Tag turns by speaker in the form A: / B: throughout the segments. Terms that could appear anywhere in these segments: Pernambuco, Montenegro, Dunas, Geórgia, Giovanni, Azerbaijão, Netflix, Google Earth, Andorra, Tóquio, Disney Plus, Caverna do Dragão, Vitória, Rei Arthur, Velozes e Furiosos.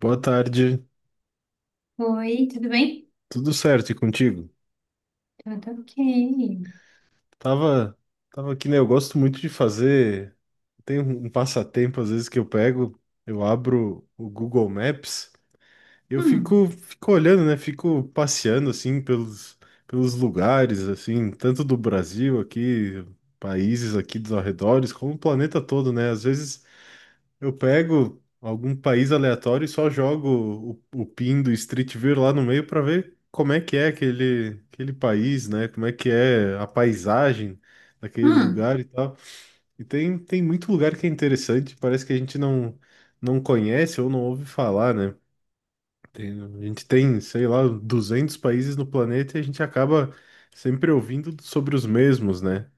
A: Boa tarde,
B: Oi, tudo bem?
A: tudo certo e contigo?
B: Tudo ok.
A: Tava, tava aqui, né? Eu gosto muito de fazer. Tem um passatempo às vezes que eu pego, eu abro o Google Maps, e eu
B: Hum,
A: fico olhando, né? Fico passeando assim pelos lugares, assim, tanto do Brasil aqui, países aqui dos arredores, como o planeta todo, né? Às vezes eu pego algum país aleatório e só jogo o pin do Street View lá no meio para ver como é que é aquele país, né? Como é que é a paisagem daquele
B: hum,
A: lugar e tal. E tem muito lugar que é interessante, parece que a gente não conhece ou não ouve falar, né? A gente tem, sei lá, 200 países no planeta e a gente acaba sempre ouvindo sobre os mesmos, né?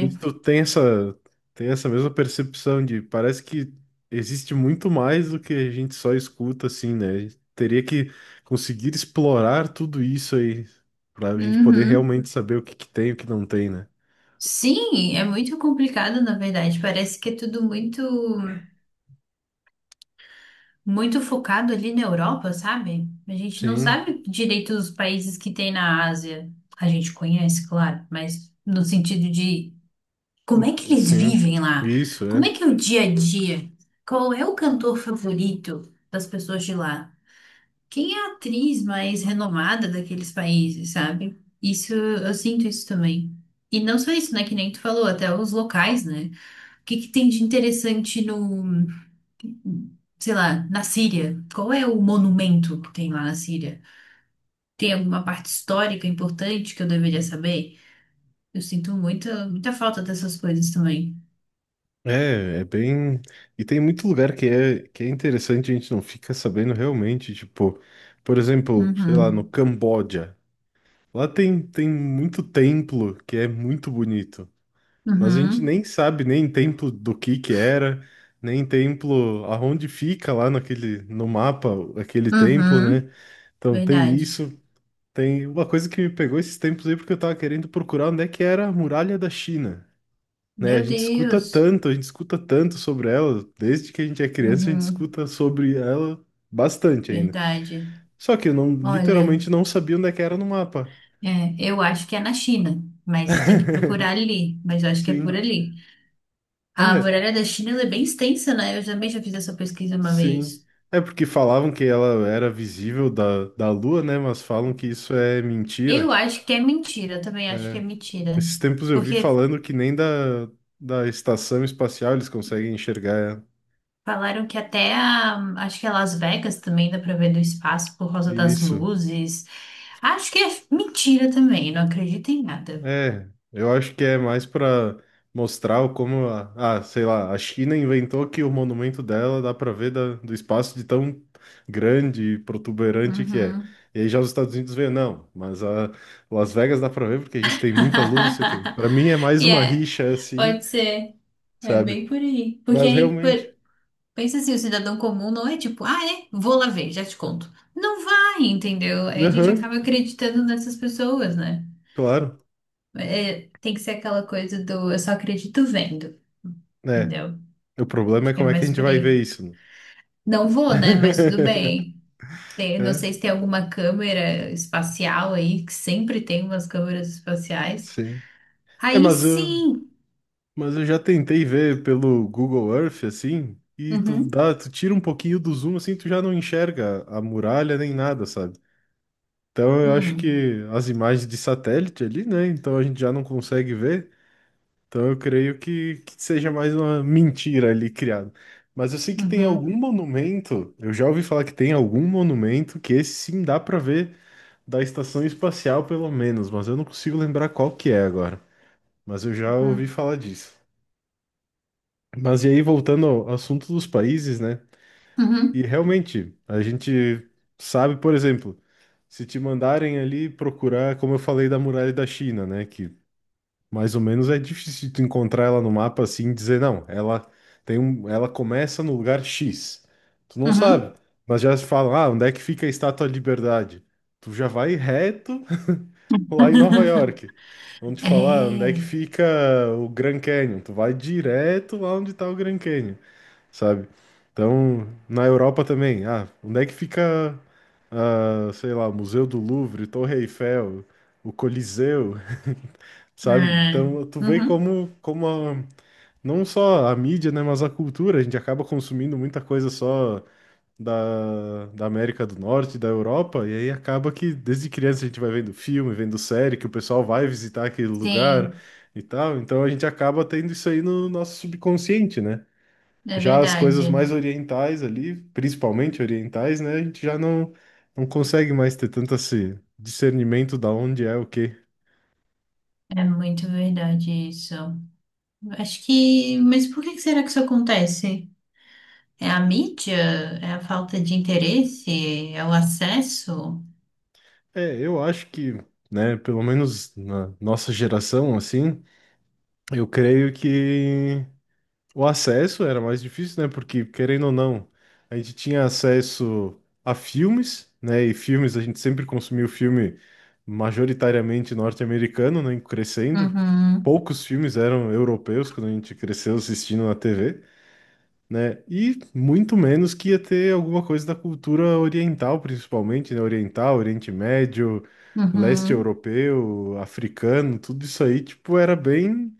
A: E tu tem tem essa mesma percepção de parece que existe muito mais do que a gente só escuta, assim, né? A gente teria que conseguir explorar tudo isso aí para a gente poder
B: Uhum.
A: realmente saber o que que tem e o que não tem, né?
B: Sim, é muito complicado, na verdade. Parece que é tudo muito focado ali na Europa, sabe? A gente não
A: Sim,
B: sabe direito os países que tem na Ásia. A gente conhece, claro, mas no sentido de como é que eles
A: sim.
B: vivem lá?
A: Isso,
B: Como
A: é.
B: é que é o dia a dia? Qual é o cantor favorito das pessoas de lá? Quem é a atriz mais renomada daqueles países, sabe? Isso, eu sinto isso também. E não só isso, né? Que nem tu falou, até os locais, né? O que que tem de interessante no, sei lá, na Síria? Qual é o monumento que tem lá na Síria? Tem alguma parte histórica importante que eu deveria saber? Eu sinto muita falta dessas coisas também.
A: É, é bem. E tem muito lugar que é interessante, a gente não fica sabendo realmente. Tipo, por exemplo, sei lá, no
B: Uhum,
A: Camboja. Lá tem muito templo que é muito bonito. Mas a gente
B: uhum,
A: nem sabe nem templo do que era, nem templo aonde fica lá naquele no mapa aquele templo, né?
B: uhum.
A: Então tem
B: Verdade.
A: isso, tem uma coisa que me pegou esses tempos aí porque eu tava querendo procurar onde é que era a muralha da China, né? A
B: Meu
A: gente escuta
B: Deus.
A: tanto, a gente escuta tanto sobre ela, desde que a gente é criança a gente
B: Uhum,
A: escuta sobre ela bastante ainda.
B: verdade.
A: Só que eu não
B: Olha.
A: literalmente não sabia onde é que era no mapa.
B: É, eu acho que é na China, mas tem que procurar ali, mas eu acho que é por
A: Sim.
B: ali. A
A: É,
B: muralha da China, ela é bem extensa, né? Eu também já fiz essa pesquisa uma
A: sim.
B: vez.
A: É porque falavam que ela era visível da Lua, né? Mas falam que isso é
B: Eu
A: mentira.
B: acho que é mentira, eu também acho que é
A: É,
B: mentira.
A: esses tempos eu vi
B: Porque
A: falando que nem da estação espacial eles conseguem enxergar ela.
B: falaram que até a, acho que é Las Vegas também dá pra ver do espaço por causa das
A: Isso.
B: luzes. Acho que é mentira também, não acredito em nada.
A: É, eu acho que é mais para mostrar o como, sei lá, a China inventou que o monumento dela dá para ver do espaço de tão grande e protuberante que é.
B: Uhum.
A: E aí já os Estados Unidos vê, não, mas a Las Vegas dá para ver porque a gente tem muita luz, não sei o quê. Para mim é mais
B: E
A: uma
B: é,
A: rixa assim,
B: pode ser. É
A: sabe?
B: bem por aí. Porque
A: Mas
B: aí, por,
A: realmente,
B: pensa assim, o cidadão comum não é tipo, ah, é, vou lá ver, já te conto. Não vai, entendeu? Aí a gente
A: aham,
B: acaba acreditando nessas pessoas, né?
A: claro,
B: É, tem que ser aquela coisa do eu só acredito vendo,
A: né?
B: entendeu?
A: O problema é
B: Acho que é
A: como é que a
B: mais
A: gente
B: por
A: vai
B: aí.
A: ver isso, né?
B: Não vou, né? Mas tudo bem. Tem- não
A: É,
B: sei se tem alguma câmera espacial aí, que sempre tem umas câmeras espaciais.
A: sim. É,
B: Aí
A: mas eu,
B: sim!
A: Mas eu já tentei ver pelo Google Earth, assim, e
B: Uhum,
A: tu tira um pouquinho do zoom, assim, tu já não enxerga a muralha nem nada, sabe? Então eu acho
B: hum,
A: que as imagens de satélite ali, né? Então a gente já não consegue ver. Então eu creio que seja mais uma mentira ali criada. Mas eu sei que tem
B: uhum,
A: algum monumento, eu já ouvi falar que tem algum monumento que esse sim dá pra ver da estação espacial, pelo menos, mas eu não consigo lembrar qual que é agora. Mas eu já ouvi
B: uhum,
A: falar disso. Mas e aí, voltando ao assunto dos países, né? E
B: uhum,
A: realmente, a gente sabe, por exemplo, se te mandarem ali procurar, como eu falei da muralha da China, né? Que mais ou menos é difícil tu encontrar ela no mapa assim e dizer, não, ela tem um, ela começa no lugar X. Tu não sabe,
B: uhum.
A: mas já se fala, ah, onde é que fica a Estátua da Liberdade? Tu já vai reto lá em Nova York. Vão te falar: "Ah, onde é que
B: É.
A: fica o Grand Canyon." Tu vai direto lá onde tá o Grand Canyon, sabe? Então, na Europa também, ah, onde é que fica, ah, sei lá, Museu do Louvre, Torre Eiffel, o Coliseu, sabe?
B: É.
A: Então, tu vê
B: Uhum.
A: como, não só a mídia, né, mas a cultura, a gente acaba consumindo muita coisa só da América do Norte, da Europa, e aí acaba que desde criança a gente vai vendo filme, vendo série, que o pessoal vai visitar aquele lugar
B: Sim,
A: e tal, então a gente acaba tendo isso aí no nosso subconsciente, né?
B: é
A: Já as coisas
B: verdade.
A: mais orientais ali, principalmente orientais, né? A gente já não consegue mais ter tanto esse discernimento da onde é o quê.
B: É muito verdade isso. Acho que. Mas por que que será que isso acontece? É a mídia? É a falta de interesse? É o acesso?
A: É, eu acho né, pelo menos na nossa geração, assim, eu creio que. O acesso era mais difícil, né? Porque, querendo ou não, a gente tinha acesso a filmes, né? E filmes, a gente sempre consumiu filme majoritariamente norte-americano, né? Crescendo.
B: Uhum,
A: Poucos filmes eram europeus quando a gente cresceu assistindo na TV, né? E muito menos que ia ter alguma coisa da cultura oriental, principalmente, né? Oriental, Oriente Médio, leste
B: uhum,
A: europeu, africano, tudo isso aí, tipo,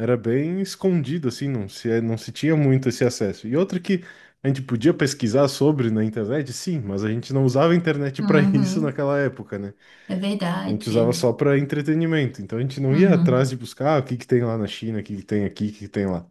A: Era bem escondido, assim, não se tinha muito esse acesso. E outra que a gente podia pesquisar sobre na internet, sim, mas a gente não usava a internet para isso
B: uhum.
A: naquela época, né?
B: É
A: A gente usava
B: verdade.
A: só para entretenimento. Então a gente não ia atrás
B: Uhum.
A: de buscar ah, o que que tem lá na China, o que que tem aqui, o que que tem lá.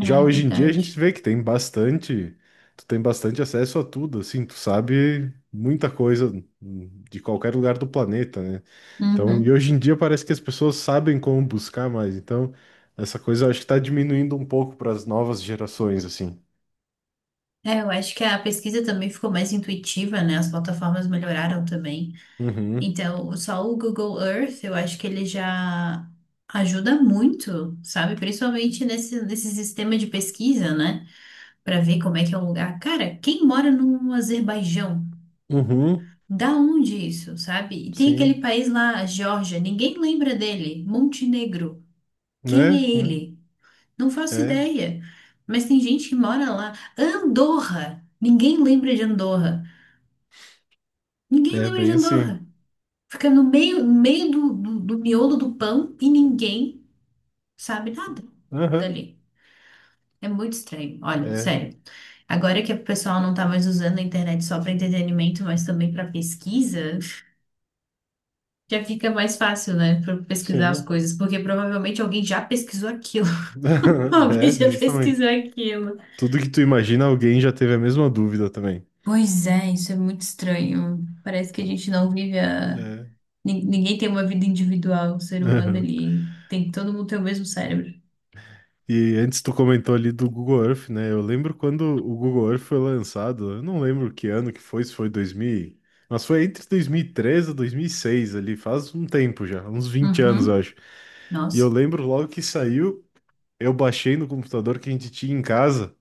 A: Já
B: É
A: hoje em dia a gente
B: verdade.
A: vê que tem bastante, tu tem bastante acesso a tudo, assim, tu sabe muita coisa de qualquer lugar do planeta, né? Então, e
B: Uhum.
A: hoje em dia parece que as pessoas sabem como buscar mais. Então, essa coisa eu acho que está diminuindo um pouco para as novas gerações, assim.
B: É, eu acho que a pesquisa também ficou mais intuitiva, né? As plataformas melhoraram também.
A: Uhum,
B: Então, só o Google Earth, eu acho que ele já ajuda muito, sabe? Principalmente nesse sistema de pesquisa, né? Para ver como é que é o lugar. Cara, quem mora no Azerbaijão?
A: uhum,
B: Da onde isso, sabe? E tem aquele
A: sim,
B: país lá, a Geórgia, ninguém lembra dele. Montenegro. Quem
A: né?
B: é
A: Né,
B: ele? Não faço
A: é,
B: ideia. Mas tem gente que mora lá. Andorra. Ninguém lembra de Andorra. Ninguém
A: é
B: lembra de
A: bem assim.
B: Andorra. Fica no meio, no meio do miolo do pão e ninguém sabe nada
A: Aham,
B: dali. É muito estranho. Olha,
A: é,
B: sério. Agora que o pessoal não tá mais usando a internet só para entretenimento, mas também para pesquisa, já fica mais fácil, né, para pesquisar as
A: sim.
B: coisas, porque provavelmente alguém já pesquisou aquilo. Alguém
A: É,
B: já
A: justamente.
B: pesquisou aquilo.
A: Tudo que tu imagina, alguém já teve a mesma dúvida também.
B: Pois é, isso é muito estranho. Parece que a
A: Que-
B: gente não vive a... nin- ninguém tem uma vida individual, o ser humano
A: É.
B: ali. Tem, todo mundo tem o mesmo cérebro.
A: E antes tu comentou ali do Google Earth, né? Eu lembro quando o Google Earth foi lançado, eu não lembro que ano que foi, se foi 2000, mas foi entre 2013 e 2006 ali, faz um tempo já, uns 20 anos, eu
B: Uhum.
A: acho. E eu
B: Nossa.
A: lembro logo que saiu, eu baixei no computador que a gente tinha em casa.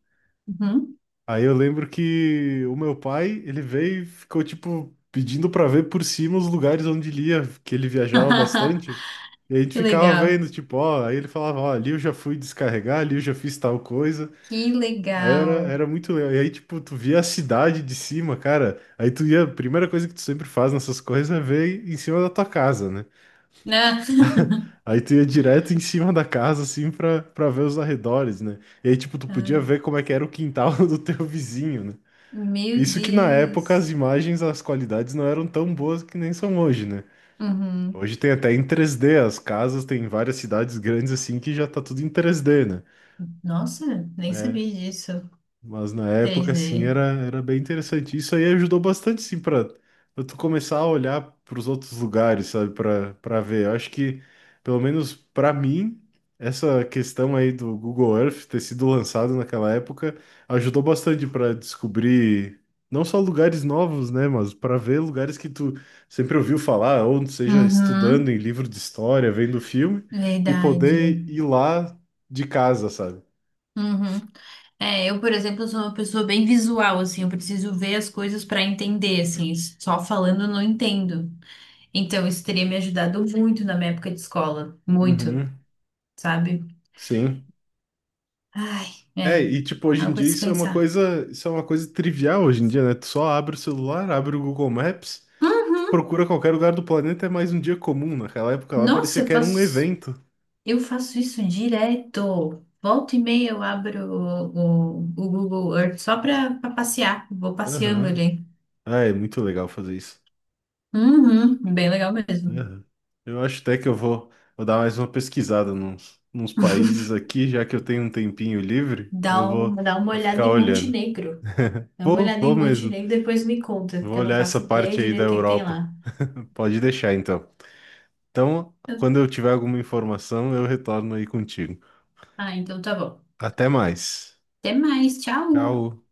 B: Uhum.
A: Aí eu lembro que o meu pai, ele veio e ficou, tipo, pedindo pra ver por cima os lugares onde ele ia, que ele viajava bastante. E a gente
B: Que
A: ficava
B: legal.
A: vendo, tipo, ó, aí ele falava, ó, ali eu já fui descarregar, ali eu já fiz tal coisa.
B: Que
A: Aí
B: legal.
A: era muito legal. E aí, tipo, tu via a cidade de cima, cara. Aí tu ia, a primeira coisa que tu sempre faz nessas coisas é ver em cima da tua casa, né?
B: Né?
A: Aí tu ia direto em cima da casa, assim, pra ver os arredores, né? E aí, tipo, tu podia
B: Ai,
A: ver como é que era o quintal do teu vizinho, né?
B: Meu
A: Isso que na época as
B: Deus.
A: imagens, as qualidades não eram tão boas que nem são hoje, né?
B: Uhum.
A: Hoje tem até em 3D, as casas tem várias cidades grandes assim que já tá tudo em 3D, né?
B: Nossa, nem
A: É,
B: sabia disso.
A: mas na época, assim,
B: 3D.
A: era bem interessante. Isso aí ajudou bastante, sim, para tu começar a olhar para os outros lugares, sabe, para ver. Eu acho que, pelo menos para mim, essa questão aí do Google Earth ter sido lançado naquela época ajudou bastante para descobrir não só lugares novos, né, mas para ver lugares que tu sempre ouviu falar, ou seja, estudando
B: Uhum.
A: em livro de história, vendo filme, e
B: Verdade.
A: poder ir lá de casa, sabe?
B: Uhum. É, eu, por exemplo, sou uma pessoa bem visual, assim, eu preciso ver as coisas para entender, assim, só falando eu não entendo. Então, isso teria me ajudado muito na minha época de escola. Muito,
A: Uhum.
B: sabe?
A: Sim.
B: Ai,
A: É,
B: é.
A: e tipo, hoje em
B: Algo a
A: dia isso é uma
B: dispensar.
A: coisa, isso é uma coisa trivial hoje em dia, né? Tu só abre o celular, abre o Google Maps, tu
B: Uhum.
A: procura qualquer lugar do planeta, é mais um dia comum. Naquela época lá
B: Nossa,
A: parecia que era um evento.
B: eu faço isso direto. Volta e meia eu abro o Google Earth só para passear. Vou passeando
A: Aham.
B: ali.
A: Ah, é muito legal fazer isso.
B: Uhum, bem legal mesmo.
A: Aham. Eu acho até que vou dar mais uma pesquisada nos países aqui, já que eu tenho um tempinho livre,
B: Dá, um, dá uma
A: vou
B: olhada
A: ficar
B: em
A: olhando.
B: Montenegro. Dá uma olhada
A: Vou
B: em
A: mesmo.
B: Montenegro e depois me conta,
A: Vou
B: porque eu não
A: olhar essa
B: faço ideia
A: parte aí da
B: direito o que que tem
A: Europa.
B: lá.
A: Pode deixar então. Então, quando eu tiver alguma informação, eu retorno aí contigo.
B: Ah, então tá bom.
A: Até mais.
B: Até mais, tchau!
A: Tchau.